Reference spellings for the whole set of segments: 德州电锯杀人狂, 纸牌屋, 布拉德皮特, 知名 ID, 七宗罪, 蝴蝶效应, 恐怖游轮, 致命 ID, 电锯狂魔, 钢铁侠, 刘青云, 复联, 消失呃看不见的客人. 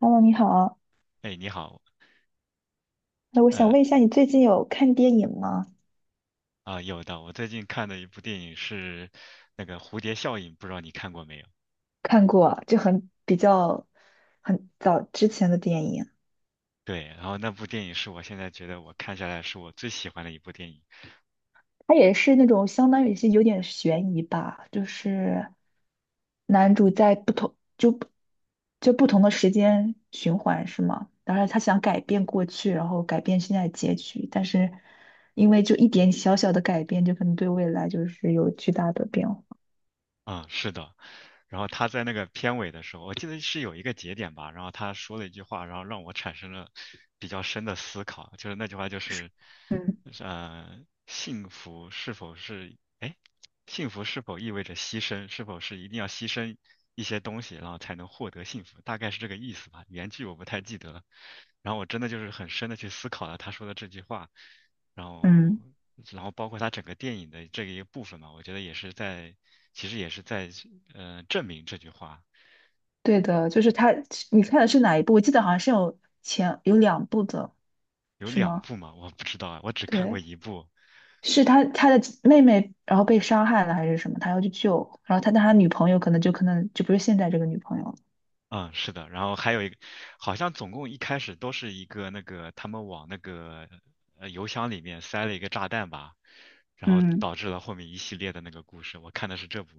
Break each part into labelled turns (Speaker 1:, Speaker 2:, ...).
Speaker 1: Hello,你好。
Speaker 2: 哎，你好，
Speaker 1: 那我想
Speaker 2: 呃
Speaker 1: 问一下，你最近有看电影吗？
Speaker 2: 有的，我最近看的一部电影是那个《蝴蝶效应》，不知道你看过没有？
Speaker 1: 看过，就很比较很早之前的电影，
Speaker 2: 对，然后那部电影是我现在觉得我看下来是我最喜欢的一部电影。
Speaker 1: 它也是那种相当于是有点悬疑吧，就是男主在不同就不就不同的时间循环是吗？然后他想改变过去，然后改变现在的结局，但是因为就一点小小的改变，就可能对未来就是有巨大的变化。
Speaker 2: 嗯，是的。然后他在那个片尾的时候，我记得是有一个节点吧，然后他说了一句话，然后让我产生了比较深的思考，就是那句话就是，
Speaker 1: 嗯
Speaker 2: 呃，幸福是否是，哎，幸福是否意味着牺牲，是否是一定要牺牲一些东西，然后才能获得幸福，大概是这个意思吧。原句我不太记得了，然后我真的就是很深的去思考了他说的这句话，然后
Speaker 1: 嗯。
Speaker 2: 然后包括它整个电影的这个一个部分嘛，我觉得也是在，其实也是在证明这句话。
Speaker 1: 对的，就是他，你看的是哪一部？我记得好像是有两部的，
Speaker 2: 有
Speaker 1: 是
Speaker 2: 两
Speaker 1: 吗？
Speaker 2: 部嘛，我不知道啊，我只看过
Speaker 1: 对，
Speaker 2: 一部。
Speaker 1: 是他的妹妹，然后被伤害了还是什么？他要去救，然后他女朋友可能就不是现在这个女朋友了。
Speaker 2: 嗯，是的，然后还有一个，好像总共一开始都是一个那个他们往那个邮箱里面塞了一个炸弹吧，然后
Speaker 1: 嗯，
Speaker 2: 导致了后面一系列的那个故事。我看的是这部，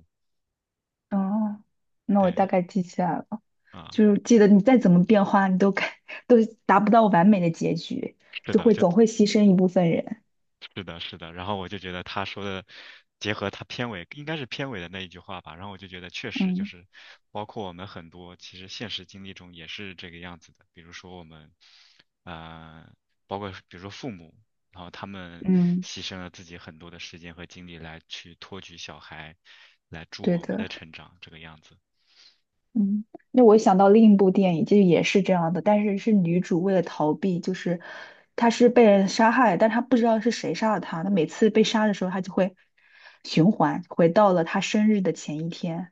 Speaker 1: 哦，那我
Speaker 2: 对，
Speaker 1: 大概记起来了。
Speaker 2: 啊、
Speaker 1: 就是记得你再怎么变化，你都该 都达不到完美的结局，
Speaker 2: 是
Speaker 1: 就
Speaker 2: 的，
Speaker 1: 会
Speaker 2: 就
Speaker 1: 总会牺牲一部分人。
Speaker 2: 是的，是的，然后我就觉得他说的，结合他片尾应该是片尾的那一句话吧，然后我就觉得确实就
Speaker 1: 嗯
Speaker 2: 是，包括我们很多其实现实经历中也是这个样子的，比如说我们，呃，包括比如说父母，然后他们
Speaker 1: 嗯，
Speaker 2: 牺牲了自己很多的时间和精力来去托举小孩，来助
Speaker 1: 对
Speaker 2: 我们的
Speaker 1: 的。
Speaker 2: 成长，这个样子。
Speaker 1: 嗯，那我想到另一部电影，就也是这样的，但是是女主为了逃避，就是她是被人杀害，但她不知道是谁杀了她。她每次被杀的时候，她就会循环回到了她生日的前一天。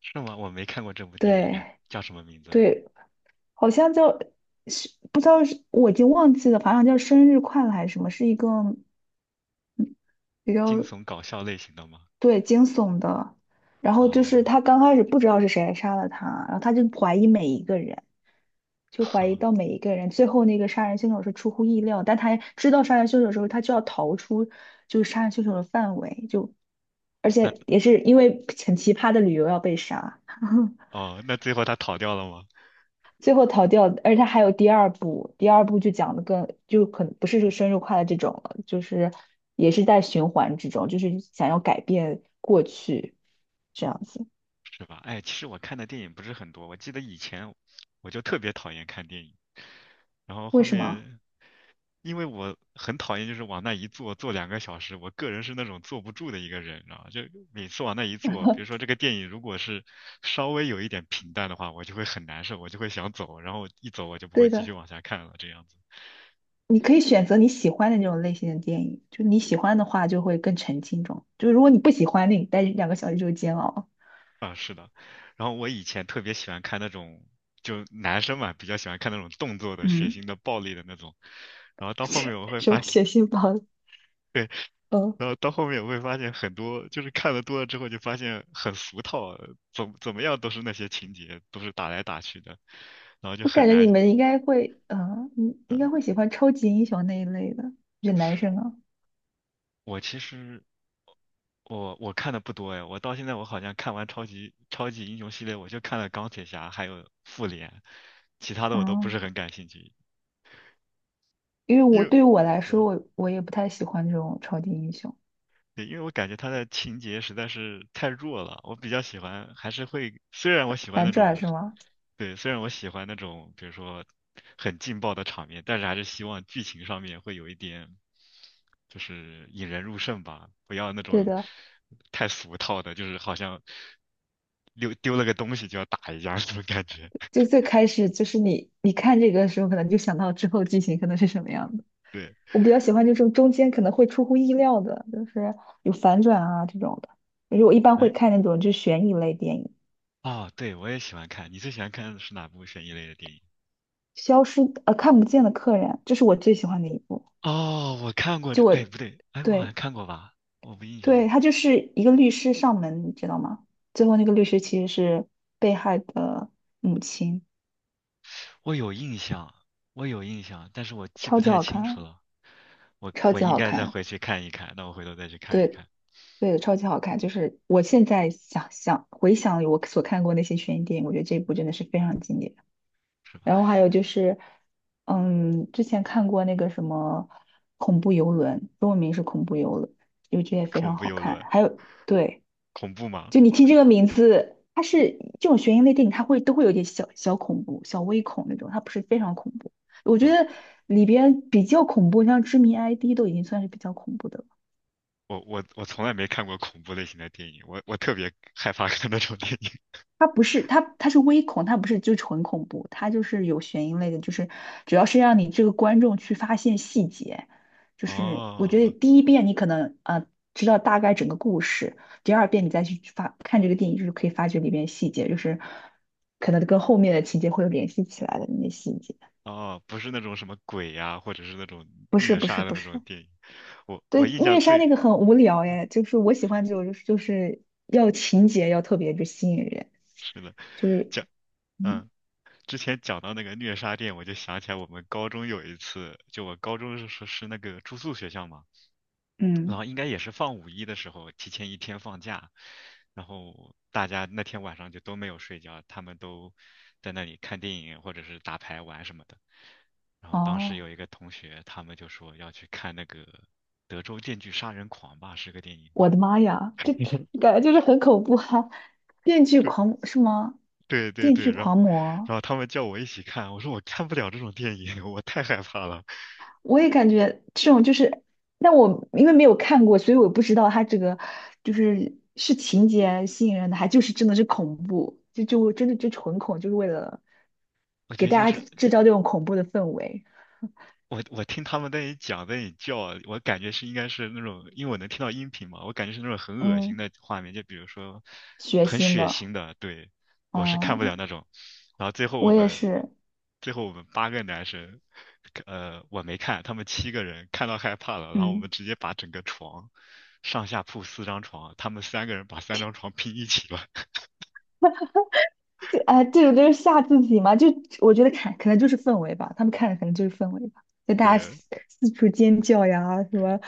Speaker 2: 是吗？我没看过这部电影
Speaker 1: 对
Speaker 2: 啊，叫什么名字？
Speaker 1: 对，好像叫，是不知道，是我已经忘记了，反正叫生日快乐还是什么，是一个比
Speaker 2: 惊
Speaker 1: 较，
Speaker 2: 悚搞笑类型的吗？
Speaker 1: 对，惊悚的。然后就
Speaker 2: 哦，
Speaker 1: 是她刚开始不知道是谁杀了她，然后她就怀疑每一个人。就 怀疑
Speaker 2: 好，
Speaker 1: 到每一个人。最后那个杀人凶手是出乎意料，但他知道杀人凶手之后，他就要逃出就是杀人凶手的范围，就而
Speaker 2: 那
Speaker 1: 且也是因为很奇葩的理由要被杀，
Speaker 2: 哦，那最后他逃掉了吗？
Speaker 1: 最后逃掉。而且他还有第二部，第二部就讲的更就可能不是这个生日快乐这种了，就是也是在循环之中，就是想要改变过去这样子。
Speaker 2: 是吧？哎，其实我看的电影不是很多，我记得以前我就特别讨厌看电影，然后
Speaker 1: 为
Speaker 2: 后
Speaker 1: 什么？
Speaker 2: 面因为我很讨厌就是往那一坐坐两个小时，我个人是那种坐不住的一个人，然后就每次往那一坐，比如说这个电影如果是稍微有一点平淡的话，我就会很难受，我就会想走，然后一走我就不
Speaker 1: 对
Speaker 2: 会继续
Speaker 1: 的。
Speaker 2: 往下看了这样子。
Speaker 1: 你可以选择你喜欢的那种类型的电影，就你喜欢的话就会更沉浸中，就如果你不喜欢，那你待两个小时就煎熬。
Speaker 2: 然后我以前特别喜欢看那种，就男生嘛，比较喜欢看那种动作的、血
Speaker 1: 嗯，
Speaker 2: 腥的、暴力的那种。然后到后面我 会发
Speaker 1: 说
Speaker 2: 现，
Speaker 1: 血腥包？嗯，
Speaker 2: 然后到后面我会发现很多，就是看的多了之后就发现很俗套，怎么怎么样都是那些情节，都是打来打去的，然后就
Speaker 1: 我
Speaker 2: 很
Speaker 1: 感觉你
Speaker 2: 难。
Speaker 1: 们应该会，你应该会喜欢超级英雄那一类的，就男生啊，
Speaker 2: 我其实我看的不多哎，我到现在我好像看完超级英雄系列，我就看了钢铁侠还有复联，其他的我都不
Speaker 1: 嗯，
Speaker 2: 是很感兴趣，
Speaker 1: 因为
Speaker 2: 因
Speaker 1: 我
Speaker 2: 为。
Speaker 1: 对于我来说，我也不太喜欢这种超级英雄
Speaker 2: 对，因为我感觉它的情节实在是太弱了，我比较喜欢，还是会，虽然我喜欢
Speaker 1: 反
Speaker 2: 那
Speaker 1: 转
Speaker 2: 种，
Speaker 1: 是吗？
Speaker 2: 对，虽然我喜欢那种，比如说很劲爆的场面，但是还是希望剧情上面会有一点，就是引人入胜吧，不要那
Speaker 1: 对
Speaker 2: 种
Speaker 1: 的，
Speaker 2: 太俗套的，就是好像丢了个东西就要打一架那种感觉。
Speaker 1: 就 最开始就是你看这个的时候，可能就想到之后剧情可能是什么样的。
Speaker 2: 对，
Speaker 1: 我比较喜欢就是中间可能会出乎意料的，就是有反转啊这种的。因为我一般会
Speaker 2: 哎，
Speaker 1: 看那种就是悬疑类电影，
Speaker 2: 哦，对，我也喜欢看，你最喜欢看的是哪部悬疑类的电影？
Speaker 1: 《消失看不见的客人》，这是我最喜欢的一部。
Speaker 2: 哦，我看过这，
Speaker 1: 就我
Speaker 2: 哎，不对，哎，我好像
Speaker 1: 对
Speaker 2: 看过吧？我不印象
Speaker 1: 对，
Speaker 2: 了，
Speaker 1: 他就是一个律师上门，你知道吗？最后那个律师其实是被害的母亲，
Speaker 2: 我有印象，我有印象，但是我记不
Speaker 1: 超级
Speaker 2: 太
Speaker 1: 好
Speaker 2: 清楚
Speaker 1: 看，
Speaker 2: 了。我
Speaker 1: 超
Speaker 2: 我
Speaker 1: 级
Speaker 2: 应
Speaker 1: 好
Speaker 2: 该再
Speaker 1: 看，
Speaker 2: 回去看一看，那我回头再去看一
Speaker 1: 对
Speaker 2: 看。
Speaker 1: 对，超级好看。就是我现在想想回想我所看过那些悬疑电影，我觉得这一部真的是非常经典。然后还有就是，嗯，之前看过那个什么恐怖游轮，中文名是恐怖游轮，就这也非
Speaker 2: 恐
Speaker 1: 常
Speaker 2: 怖
Speaker 1: 好
Speaker 2: 游
Speaker 1: 看。
Speaker 2: 轮，
Speaker 1: 还有，对，
Speaker 2: 恐怖吗？
Speaker 1: 就你听这个名字，它是这种悬疑类电影，它会都会有点小小恐怖、小微恐那种，它不是非常恐怖。我
Speaker 2: 是
Speaker 1: 觉
Speaker 2: 吧？
Speaker 1: 得里边比较恐怖，像《知名 ID》都已经算是比较恐怖的了。
Speaker 2: 我从来没看过恐怖类型的电影，我特别害怕看那种电影。
Speaker 1: 它不是它是微恐，它不是就纯恐怖，它就是有悬疑类的，就是主要是让你这个观众去发现细节。就是我觉得
Speaker 2: 哦，
Speaker 1: 第一遍你可能知道大概整个故事，第二遍你再去发看这个电影，就是可以发掘里面细节，就是可能跟后面的情节会有联系起来的那些细节。
Speaker 2: 哦，不是那种什么鬼呀、或者是那种
Speaker 1: 不是
Speaker 2: 虐
Speaker 1: 不是
Speaker 2: 杀的
Speaker 1: 不
Speaker 2: 那
Speaker 1: 是，
Speaker 2: 种电影。我
Speaker 1: 对
Speaker 2: 我印象
Speaker 1: 虐杀
Speaker 2: 最
Speaker 1: 那个很无聊哎，就是我喜欢这种就是就是要情节要特别就吸引人，
Speaker 2: 是的，
Speaker 1: 就是
Speaker 2: 讲，
Speaker 1: 嗯
Speaker 2: 嗯。之前讲到那个虐杀店，我就想起来我们高中有一次，就我高中是那个住宿学校嘛，然
Speaker 1: 嗯
Speaker 2: 后应该也是放五一的时候，提前一天放假，然后大家那天晚上就都没有睡觉，他们都在那里看电影或者是打牌玩什么的。然后当时
Speaker 1: 哦。
Speaker 2: 有一个同学，他们就说要去看那个《德州电锯杀人狂》吧，是个电影。
Speaker 1: 我的妈呀，这感觉就是很恐怖哈！电锯狂是吗？
Speaker 2: 对对
Speaker 1: 电
Speaker 2: 对
Speaker 1: 锯
Speaker 2: 对，然后
Speaker 1: 狂魔，
Speaker 2: 然后他们叫我一起看，我说我看不了这种电影，我太害怕了。
Speaker 1: 我也感觉这种就是，但我因为没有看过，所以我不知道它这个就是是情节吸引人的，还就是真的是恐怖，就就真的就纯恐，就是为了
Speaker 2: 我觉
Speaker 1: 给
Speaker 2: 得就
Speaker 1: 大家
Speaker 2: 是
Speaker 1: 制造这种恐怖的氛围，
Speaker 2: 我听他们在那里讲，在那里叫，我感觉是应该是那种，因为我能听到音频嘛，我感觉是那种很恶心
Speaker 1: 嗯，
Speaker 2: 的画面，就比如说
Speaker 1: 血
Speaker 2: 很
Speaker 1: 腥
Speaker 2: 血
Speaker 1: 的，
Speaker 2: 腥的，对，我是看不了
Speaker 1: 哦，
Speaker 2: 那种。然后最后我
Speaker 1: 我也
Speaker 2: 们，
Speaker 1: 是，
Speaker 2: 最后我们八个男生，我没看，他们七个人看到害怕了，然后我们
Speaker 1: 嗯。
Speaker 2: 直接把整个床，上下铺四张床，他们三个人把三张床拼一起了，
Speaker 1: 这啊，这种就是吓自己嘛，就我觉得看可能就是氛围吧，他们看的可能就是氛围吧，就大家
Speaker 2: 对。
Speaker 1: 四四处尖叫呀，什么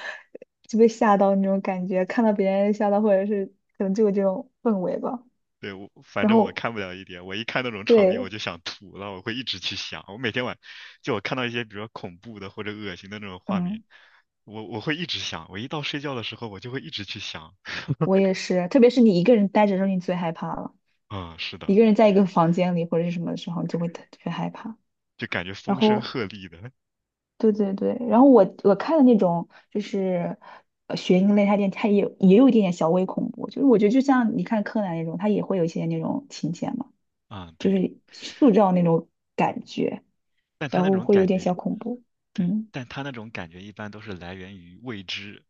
Speaker 1: 就被吓到那种感觉，看到别人吓到，或者是可能就有这种氛围吧。
Speaker 2: 对，我反
Speaker 1: 然
Speaker 2: 正我
Speaker 1: 后
Speaker 2: 看不了一点，我一看那种场面我
Speaker 1: 对，
Speaker 2: 就想吐，然后我会一直去想。我每天晚就我看到一些比较恐怖的或者恶心的那种画面，
Speaker 1: 嗯，
Speaker 2: 我会一直想。我一到睡觉的时候，我就会一直去想。
Speaker 1: 我也是，特别是你一个人待着的时候，你最害怕了，
Speaker 2: 嗯，是
Speaker 1: 一
Speaker 2: 的，
Speaker 1: 个人在一个房间里或者是什么的时候，你就会特特别害怕。
Speaker 2: 就感觉
Speaker 1: 然
Speaker 2: 风声
Speaker 1: 后
Speaker 2: 鹤唳的。
Speaker 1: 对对对，然后我看的那种就是学英类，它电它也有也有一点点小微恐怖，就是我觉得就像你看柯南那种，它也会有一些那种情节嘛，
Speaker 2: 嗯，
Speaker 1: 就
Speaker 2: 对，
Speaker 1: 是塑造那种感觉，
Speaker 2: 但他
Speaker 1: 然
Speaker 2: 那
Speaker 1: 后
Speaker 2: 种
Speaker 1: 会有
Speaker 2: 感
Speaker 1: 点
Speaker 2: 觉，
Speaker 1: 小恐怖。
Speaker 2: 对，
Speaker 1: 嗯，
Speaker 2: 但他那种感觉一般都是来源于未知。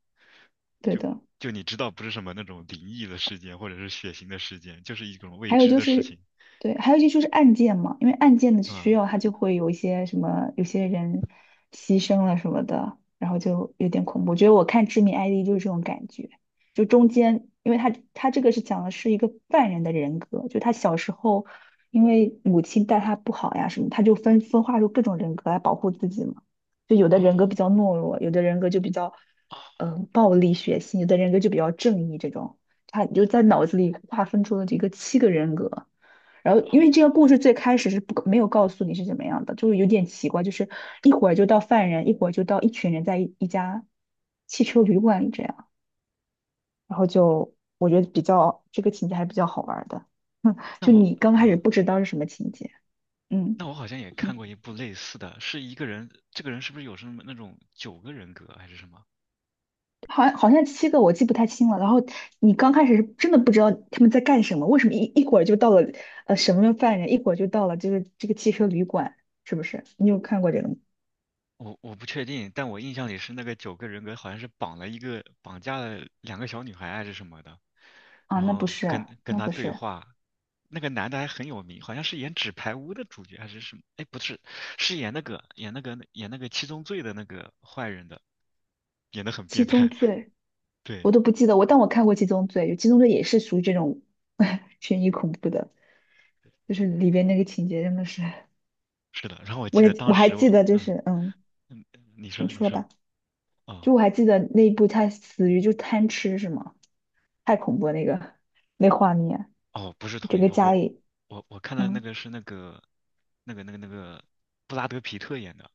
Speaker 1: 对
Speaker 2: 就
Speaker 1: 的。
Speaker 2: 就你知道，不是什么那种灵异的事件或者是血腥的事件，就是一种未
Speaker 1: 还有
Speaker 2: 知
Speaker 1: 就
Speaker 2: 的事
Speaker 1: 是，
Speaker 2: 情。
Speaker 1: 对，还有一些就是案件嘛，因为案件的需
Speaker 2: 嗯，
Speaker 1: 要，它就会有一些什么，有些人牺牲了什么的，然后就有点恐怖。我觉得我看《致命 ID》就是这种感觉，就中间，因为他这个是讲的是一个犯人的人格，就他小时候因为母亲待他不好呀什么，他就分化出各种人格来保护自己嘛。就有的人格比
Speaker 2: 哦，
Speaker 1: 较懦弱，有的人格就比较
Speaker 2: 哦，
Speaker 1: 暴力血腥，有的人格就比较正义这种。他你就在脑子里划分出了这个七个人格。然
Speaker 2: 哦，
Speaker 1: 后，因为这个故事最开始是不没有告诉你是怎么样的，就是有点奇怪，就是一会儿就到犯人，一会儿就到一群人在一家汽车旅馆里这样，然后就我觉得比较这个情节还是比较好玩儿的，
Speaker 2: 那
Speaker 1: 就
Speaker 2: 我。
Speaker 1: 你刚开始
Speaker 2: 嗯。
Speaker 1: 不知道是什么情节，嗯。
Speaker 2: 那我好像也看过一部类似的，是一个人，这个人是不是有什么那种九个人格还是什么？
Speaker 1: 好像好像七个我记不太清了。然后你刚开始是真的不知道他们在干什么，为什么一会儿就到了什么犯人，一会儿就到了这个汽车旅馆，是不是？你有看过这个吗？
Speaker 2: 我不确定，但我印象里是那个九个人格好像是绑了一个绑架了两个小女孩啊还是什么的，
Speaker 1: 啊，
Speaker 2: 然
Speaker 1: 那不
Speaker 2: 后
Speaker 1: 是，
Speaker 2: 跟
Speaker 1: 那
Speaker 2: 他
Speaker 1: 不
Speaker 2: 对
Speaker 1: 是
Speaker 2: 话。那个男的还很有名，好像是演《纸牌屋》的主角还是什么？哎，不是，是演那个七宗罪的那个坏人的，演得很
Speaker 1: 《七
Speaker 2: 变
Speaker 1: 宗
Speaker 2: 态。
Speaker 1: 罪》，
Speaker 2: 对，
Speaker 1: 我都不记得我，但我看过《七宗罪》，《有《七宗罪》也是属于这种 悬疑恐怖的，就是里边那个情节真的是，
Speaker 2: 是的。然后我记
Speaker 1: 我
Speaker 2: 得
Speaker 1: 也
Speaker 2: 当
Speaker 1: 我还
Speaker 2: 时
Speaker 1: 记
Speaker 2: 我，
Speaker 1: 得，就
Speaker 2: 嗯
Speaker 1: 是嗯，
Speaker 2: 嗯，嗯你
Speaker 1: 你
Speaker 2: 说你
Speaker 1: 说
Speaker 2: 说，
Speaker 1: 吧，
Speaker 2: 哦。
Speaker 1: 就我还记得那一部他死于就贪吃是吗？太恐怖了那个那画面，
Speaker 2: 哦，不是同
Speaker 1: 整
Speaker 2: 一
Speaker 1: 个
Speaker 2: 部，
Speaker 1: 家
Speaker 2: 我
Speaker 1: 里，
Speaker 2: 我我看到那
Speaker 1: 嗯，
Speaker 2: 个是那个那个布拉德皮特演的，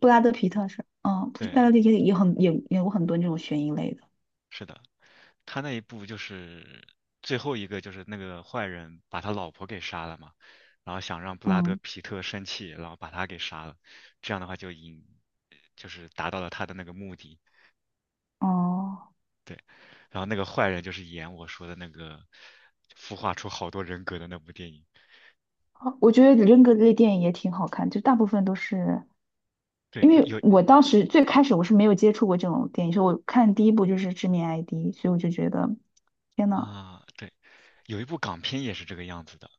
Speaker 1: 布拉德皮特是，嗯，布
Speaker 2: 对，
Speaker 1: 拉德皮特也很也演过很多那种悬疑类的，
Speaker 2: 是的，他那一部就是最后一个就是那个坏人把他老婆给杀了嘛，然后想让布拉德
Speaker 1: 嗯，
Speaker 2: 皮特生气，然后把他给杀了，这样的话就引就是达到了他的那个目的，
Speaker 1: 哦，
Speaker 2: 对，然后那个坏人就是演我说的那个孵化出好多人格的那部电影。
Speaker 1: 我觉得人格类电影也挺好看，就大部分都是，
Speaker 2: 对，
Speaker 1: 因为
Speaker 2: 有
Speaker 1: 我当时最开始我是没有接触过这种电影，所以我看第一部就是《致命 ID》,所以我就觉得，天呐，
Speaker 2: 啊，对，有一部港片也是这个样子的，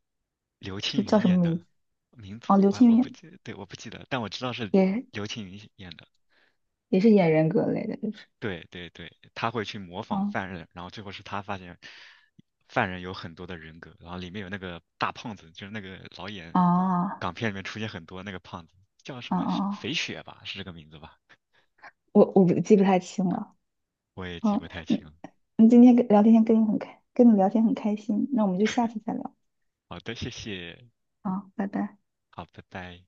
Speaker 2: 刘
Speaker 1: 这
Speaker 2: 青
Speaker 1: 叫
Speaker 2: 云
Speaker 1: 什么
Speaker 2: 演的，
Speaker 1: 名字？
Speaker 2: 名
Speaker 1: 哦，
Speaker 2: 字
Speaker 1: 刘
Speaker 2: 我
Speaker 1: 青
Speaker 2: 我不
Speaker 1: 云
Speaker 2: 记，对，我不记得，但我知道是
Speaker 1: 也
Speaker 2: 刘青云演的。
Speaker 1: 也是演人格类的，就是，
Speaker 2: 对对对，他会去模仿
Speaker 1: 嗯，
Speaker 2: 犯人，然后最后是他发现犯人有很多的人格，然后里面有那个大胖子，就是那个老演
Speaker 1: 哦，
Speaker 2: 港片里面出现很多那个胖子，叫什
Speaker 1: 哦哦，
Speaker 2: 么
Speaker 1: 哦
Speaker 2: 肥雪吧，是这个名字吧？
Speaker 1: 我不记不太清了。
Speaker 2: 我也记
Speaker 1: 好，
Speaker 2: 不太清
Speaker 1: 嗯，
Speaker 2: 了。
Speaker 1: 嗯，今天跟你聊天很开心，那我们就下次再聊
Speaker 2: 好的，谢谢，
Speaker 1: 啊，拜拜。
Speaker 2: 好，拜拜。